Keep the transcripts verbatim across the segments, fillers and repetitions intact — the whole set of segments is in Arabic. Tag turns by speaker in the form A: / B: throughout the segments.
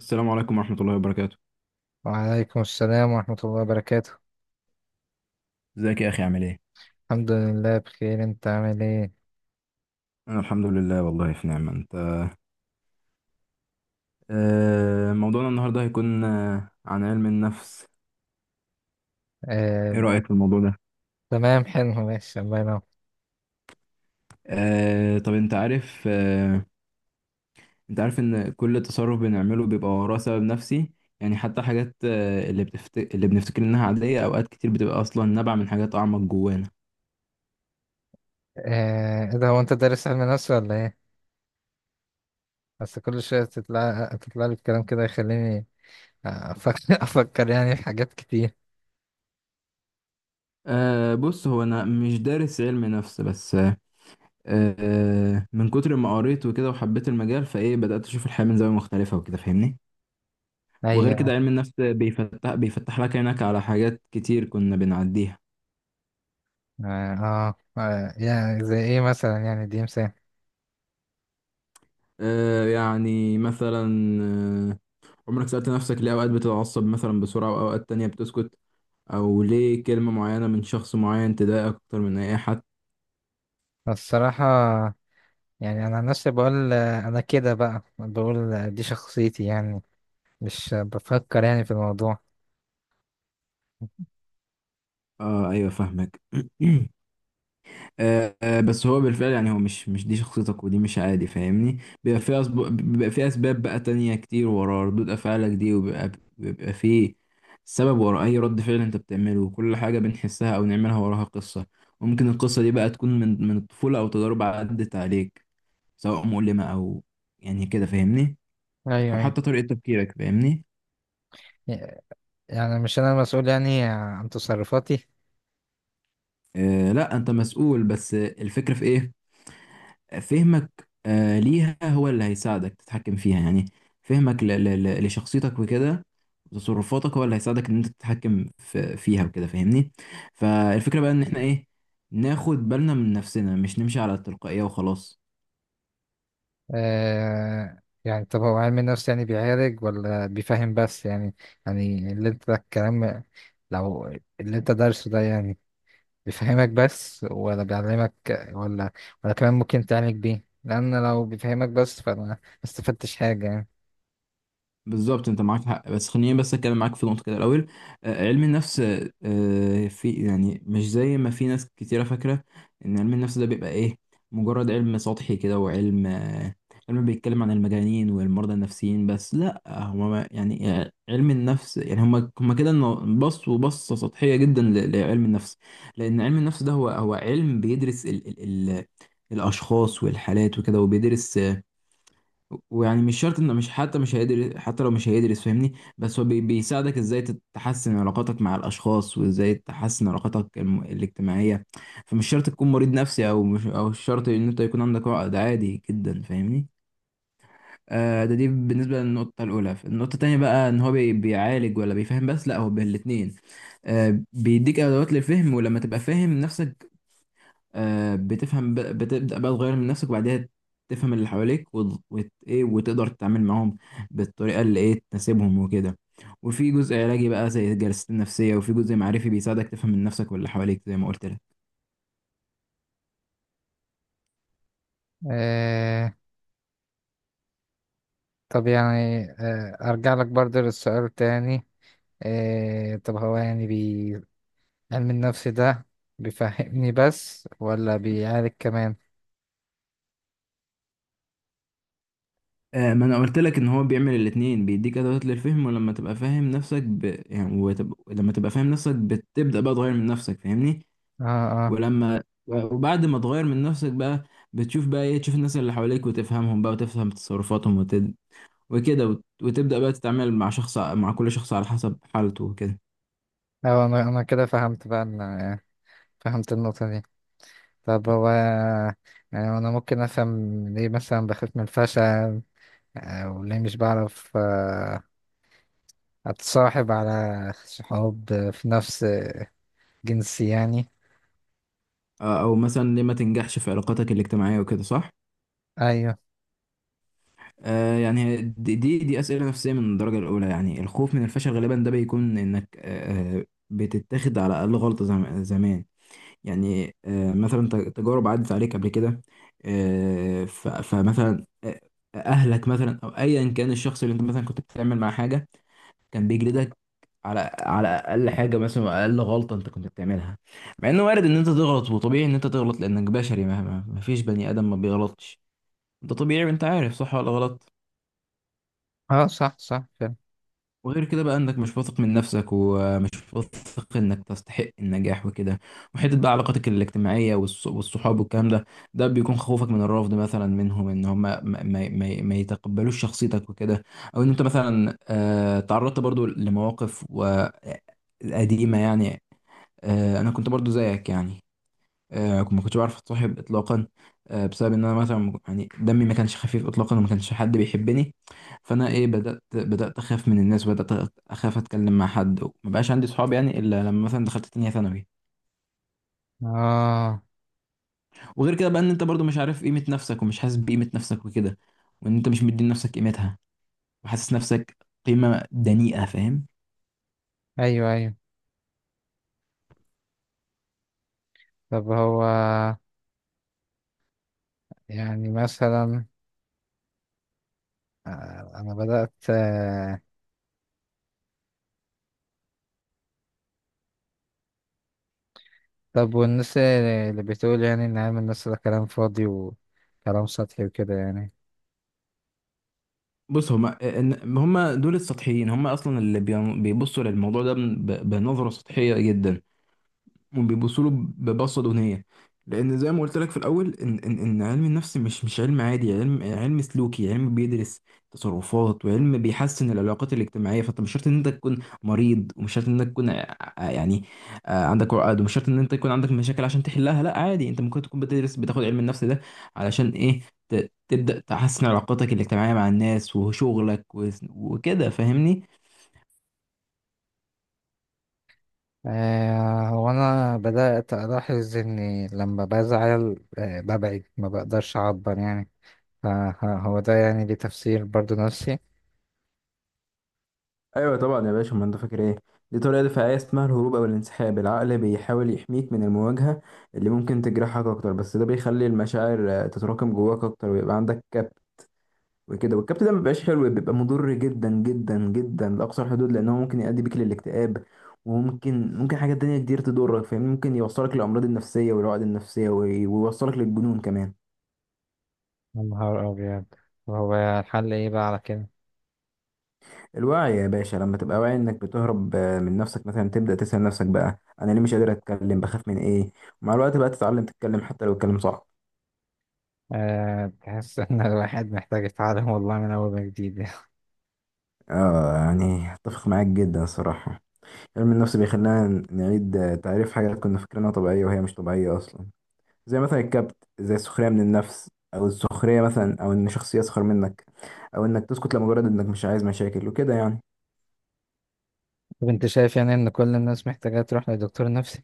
A: السلام عليكم ورحمة الله وبركاته.
B: وعليكم السلام ورحمة الله وبركاته.
A: ازيك يا اخي؟ عامل ايه؟
B: الحمد لله بخير، انت عامل ايه؟
A: أنا الحمد لله، والله في نعمة. أنت؟ آه، موضوعنا النهاردة هيكون آه، عن علم النفس.
B: آه،
A: إيه رأيك في الموضوع ده؟
B: تمام حلو ماشي الله ينور.
A: آه، طب أنت عارف آه، أنت عارف إن كل تصرف بنعمله بيبقى وراه سبب نفسي. يعني حتى حاجات، آه، اللي بتفت... اللي بنفتكر إنها عادية أوقات كتير بتبقى أصلا نابعة من حاجات أعمق جوانا.
B: آه، ايه ده، هو انت دارس علم نفس ولا ايه؟ بس كل شوية تطلع تطلع لي الكلام كده يخليني افكر افكر يعني في حاجات كتير.
A: أه، بص هو أنا مش دارس علم نفس، بس أه آه، من كتر ما قريت وكده وحبيت المجال، فإيه بدأت أشوف الحياة من زاوية مختلفة وكده، فاهمني؟ وغير كده،
B: ايوه.
A: علم النفس بيفتح بيفتح لك عينك على حاجات كتير كنا بنعديها.
B: اه, آه. آه، يعني زي ايه مثلا، يعني دي مثال؟
A: آه يعني مثلا، آه عمرك سألت نفسك ليه أوقات بتتعصب مثلا بسرعة وأوقات تانية بتسكت؟ أو ليه كلمة معينة من شخص معين تضايقك أكتر من أي حد؟
B: الصراحة، يعني انا عن نفسي بقول، آه، انا كده بقى بقول، آه، دي شخصيتي يعني، مش آه، بفكر يعني في الموضوع.
A: آه أيوة، فاهمك. آه، آه، بس هو بالفعل، يعني هو مش مش دي شخصيتك، ودي مش عادي، فاهمني. بيبقى في أسب... بيبقى في اسباب بقى تانية كتير ورا ردود افعالك دي، وبيبقى بيبقى في سبب ورا اي رد فعل انت بتعمله، وكل حاجة بنحسها او نعملها وراها قصة. وممكن القصة دي بقى تكون من من الطفولة او تجارب عدت عليك، سواء مؤلمة او يعني كده، فاهمني.
B: ايوه
A: او
B: ايوه.
A: حتى طريقة تفكيرك، فاهمني.
B: يعني مش انا مسؤول يعني عن تصرفاتي؟
A: آه لا، انت مسؤول، بس الفكرة في ايه؟ فهمك آه، ليها هو اللي هيساعدك تتحكم فيها يعني. فهمك ل- ل- ل- لشخصيتك وكده، وتصرفاتك هو اللي هيساعدك ان انت تتحكم في- فيها وكده، فاهمني. فالفكرة بقى ان احنا ايه؟ ناخد بالنا من نفسنا، مش نمشي على التلقائية وخلاص.
B: آه يعني طب هو علم النفس يعني بيعالج ولا بيفهم بس يعني؟ يعني اللي انت الكلام، لو اللي انت دارسه ده يعني بيفهمك بس ولا بيعلمك، ولا ولا كمان ممكن تعالج بيه؟ لان لو بيفهمك بس فانا ما استفدتش حاجة يعني.
A: بالظبط، انت معاك حق، بس خليني بس اتكلم معاك في نقطه كده الاول. آه، علم النفس، آه، في يعني مش زي ما في ناس كتيره فاكره ان علم النفس ده بيبقى ايه، مجرد علم سطحي كده، وعلم آه، علم بيتكلم عن المجانين والمرضى النفسيين بس. لا، هو ما- يعني آه، علم النفس يعني هم هم كده، انه بصوا بصه سطحيه جدا ل- لعلم النفس. لان علم النفس ده هو هو علم بيدرس ال ال ال الاشخاص والحالات وكده، وبيدرس، ويعني مش شرط انه مش، حتى مش هيدرس، حتى لو مش هيدرس، فاهمني. بس هو بي- بيساعدك ازاي تحسن علاقاتك مع الاشخاص، وازاي تحسن علاقاتك الم- الاجتماعية. فمش شرط تكون مريض نفسي، او مش، او مش شرط ان انت يكون عندك عقد، عادي جدا، فاهمني. آه ده دي بالنسبة للنقطة الأولى. النقطة التانية بقى، إن هو بي- بيعالج ولا بيفهم بس؟ لأ، هو بالاتنين. آه بيديك أدوات للفهم، ولما تبقى فاهم نفسك آه، بتفهم، ب- بتبدأ بقى تغير من نفسك، وبعدها تفهم اللي حواليك وت... وت... ايه، وتقدر تتعامل معاهم بالطريقة اللي ايه تناسبهم وكده. وفي جزء علاجي بقى زي الجلسات النفسية، وفي جزء معرفي بيساعدك تفهم من نفسك واللي حواليك، زي ما قلت لك.
B: آه طب، يعني آه ارجع لك برضه للسؤال تاني. إيه طب، هو يعني بي... علم النفس ده بيفهمني بس ولا بيعالج كمان؟
A: آه ما انا قلت لك ان هو بيعمل الاتنين. بيديك ادوات للفهم، ولما تبقى فاهم نفسك ب... يعني وتب... لما تبقى فاهم نفسك بتبدأ بقى تغير من نفسك، فاهمني.
B: اه اه
A: ولما وبعد ما تغير من نفسك بقى، بتشوف بقى ايه تشوف الناس اللي حواليك وتفهمهم بقى، وتفهم تصرفاتهم وكده، وت- وتبدأ بقى تتعامل مع شخص مع كل شخص على حسب حالته وكده.
B: اه. انا انا كده فهمت بقى، ان فهمت النقطة دي. طب هو، يعني انا ممكن افهم ليه مثلا بخاف من الفشل؟ او ليه مش بعرف آه، اتصاحب على صحاب في نفس جنسي يعني؟
A: آه، او مثلا ليه ما تنجحش في علاقاتك الاجتماعية وكده، صح؟
B: ايوه.
A: آه يعني هي دي دي دي أسئلة نفسية من الدرجة الأولى. يعني الخوف من الفشل غالبا ده بيكون إنك آه بتتاخد على أقل غلطة زم- زمان. يعني آه مثلا ت- تجارب عدت عليك قبل كده. آه ف- فمثلا آه، أهلك مثلا، أو أيا كان الشخص اللي أنت مثلا كنت بتعمل معاه حاجة، كان بيجلدك على على اقل حاجه، مثلا اقل غلطه انت كنت بتعملها، مع انه وارد ان انت تغلط، وطبيعي ان انت تغلط لانك بشري. مهما ما فيش بني ادم ما بيغلطش. انت طبيعي، وانت عارف صح ولا غلط.
B: اه، صح صح فعلا.
A: وغير كده بقى، انك مش واثق من نفسك، ومش واثق انك تستحق النجاح وكده. وحته بقى علاقاتك الاجتماعيه والص- والصحاب والكلام ده، ده بيكون خوفك من الرفض مثلا منهم، ان هم ما, ما, ما ما يتقبلوش شخصيتك وكده. او ان انت مثلا آه، تعرضت برضو لمواقف و- قديمة يعني. آه، انا كنت برضو زيك، يعني آه، ما كنتش بعرف اتصاحب اطلاقا، آه، بسبب ان انا مثلا م- يعني دمي ما كانش خفيف اطلاقا، وما كانش حد بيحبني. فانا ايه، بدات بدات اخاف من الناس، بدات اخاف اتكلم مع حد، وما بقاش عندي صحاب يعني، الا لما مثلا دخلت تانية ثانوي.
B: اه،
A: وغير كده بقى ان انت برضو مش عارف قيمه نفسك، ومش حاسس بقيمه نفسك وكده، وان انت مش مدي لنفسك قيمتها، وحاسس نفسك قيمه دنيئه، فاهم؟
B: ايوه ايوه. طب هو يعني مثلا آه، انا بدأت. آه، طب والناس اللي بتقول يعني ان علم الناس ده كلام فاضي وكلام سطحي وكده يعني؟
A: بص، هما إن- هما دول السطحيين، هما اصلا اللي بيبصوا للموضوع ده ب- بنظره سطحيه جدا، وبيبصوا له ببصه دونيه. لان زي ما قلت لك في الاول ان ان ان علم النفس مش مش علم عادي، علم علم سلوكي، علم بيدرس تصرفات، وعلم بيحسن العلاقات الاجتماعيه. فانت مش شرط ان انت تكون مريض، ومش شرط ان انت تكون ع- ع- يعني آه، عندك عقد، ومش شرط ان انت يكون عندك مشاكل عشان تحلها. لا، عادي، انت ممكن تكون بتدرس، بتاخد علم النفس ده علشان ايه، ت- تبدا تحسن علاقاتك الاجتماعيه مع الناس وشغلك و- وكده، فاهمني.
B: آه، هو انا بدأت الاحظ اني لما بزعل آه، ببعد، ما بقدرش اعبر يعني. فهو ده يعني ليه تفسير برضو نفسي؟
A: ايوه طبعا يا باشا، ما انت فاكر ايه، دي طريقه دفاعيه اسمها الهروب او الانسحاب. العقل بيحاول يحميك من المواجهه اللي ممكن تجرحك اكتر، بس ده بيخلي المشاعر آه، تتراكم جواك اكتر، ويبقى عندك كبت وكده. والكبت ده ما بيبقاش حلو، بيبقى مضر جدا جدا جدا لاقصى الحدود، لانه ممكن يؤدي بيك للاكتئاب، وممكن ممكن حاجات تانية كتير تضرك، فاهم؟ ممكن يوصلك للامراض النفسيه والعقد النفسيه، وي- ويوصلك للجنون كمان.
B: يا نهار ابيض! وهو الحل ايه بقى على كده؟
A: الوعي يا باشا. لما تبقى واعي انك بتهرب آه، من نفسك مثلا، تبدأ تسأل نفسك بقى، انا ليه مش قادر اتكلم؟ بخاف من ايه؟ ومع الوقت بقى تتعلم تتكلم، حتى لو الكلام صعب.
B: أه، تحس ان الواحد محتاج يتعلم والله من اول وجديد.
A: اه، يعني اتفق معاك جدا الصراحة. علم النفس بيخلينا نعيد آه، تعريف حاجات كنا فاكرينها طبيعية، وهي مش طبيعية اصلا، زي مثلا الكبت، زي السخرية من النفس، او السخرية مثلا، او ان شخص يسخر منك، او انك تسكت لمجرد انك مش عايز مشاكل وكده يعني.
B: طب انت شايف يعني ان كل الناس محتاجة تروح لدكتور نفسي؟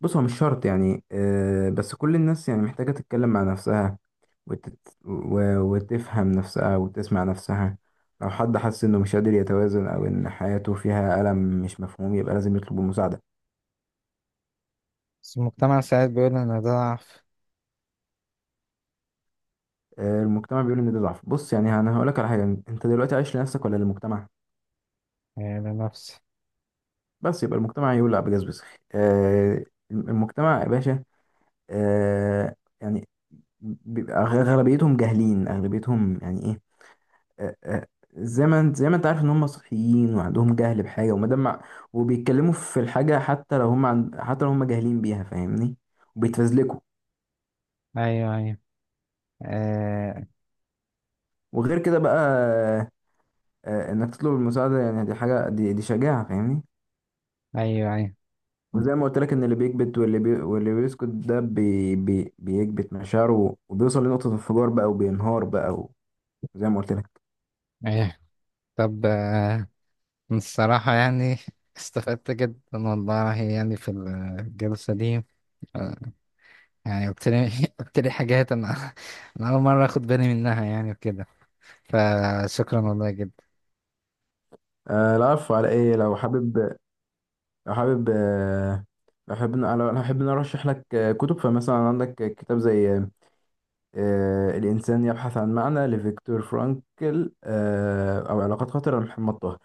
A: بص، هو مش شرط يعني، آه، بس كل الناس يعني محتاجة تتكلم مع نفسها، وتت... و... وتفهم نفسها وتسمع نفسها. لو حد حس إنه مش قادر يتوازن، أو إن حياته فيها ألم مش مفهوم، يبقى لازم يطلب المساعدة.
B: بس المجتمع ساعات بيقول ان ده ضعف.
A: آه، المجتمع بيقول إن ده ضعف. بص يعني، أنا هقولك على حاجة، أنت دلوقتي عايش لنفسك ولا للمجتمع؟
B: آه، بنفسي.
A: بس يبقى المجتمع يقول لا بجاز بس. آه، المجتمع يا باشا، آه، يعني بيبقى غ- غالبيتهم جاهلين، أغلبيتهم يعني إيه. آه، آه، زي ما انت، زي ما انت عارف ان هم صحيين وعندهم جهل بحاجه، وما دام مع- وبيتكلموا في الحاجه، حتى لو هم عن... حتى لو هم جاهلين بيها، فاهمني، وبيتفزلكوا.
B: أيوه أيوه. آه.
A: وغير كده بقى آه، آه، انك تطلب المساعده يعني، دي حاجه، دي, دي شجاعه، فاهمني.
B: أيوه أيوه
A: وزي ما قلت لك ان اللي بيكبت، واللي بي... واللي بيسكت ده بي... بي... بيكبت مشاعره، وبيوصل لنقطه انفجار بقى، وبينهار بقى، وزي ما قلت لك.
B: أيوه. طب آه، الصراحة يعني استفدت جدا والله، يعني في الجلسة دي. آه، يعني قلت لي قلت لي حاجات، أنا أنا أول مرة أخد بالي منها يعني وكده. فشكرا والله جدا.
A: آه لا، عارف على ايه، لو حابب، لو حابب آه، لو حابب، لو لو حابب نرشح لك آه، كتب، فمثلا عندك كتاب زي آه، الإنسان يبحث عن معنى لفيكتور فرانكل، آه، أو علاقات خطرة لمحمد طه،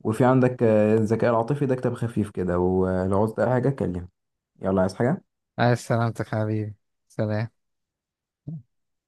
A: وفي عندك آه، الذكاء العاطفي، ده كتاب خفيف كده. ولو عاوزت أي حاجة كلمني. يلا، عايز حاجة؟
B: عايز سلامتك حبيبي. سلام.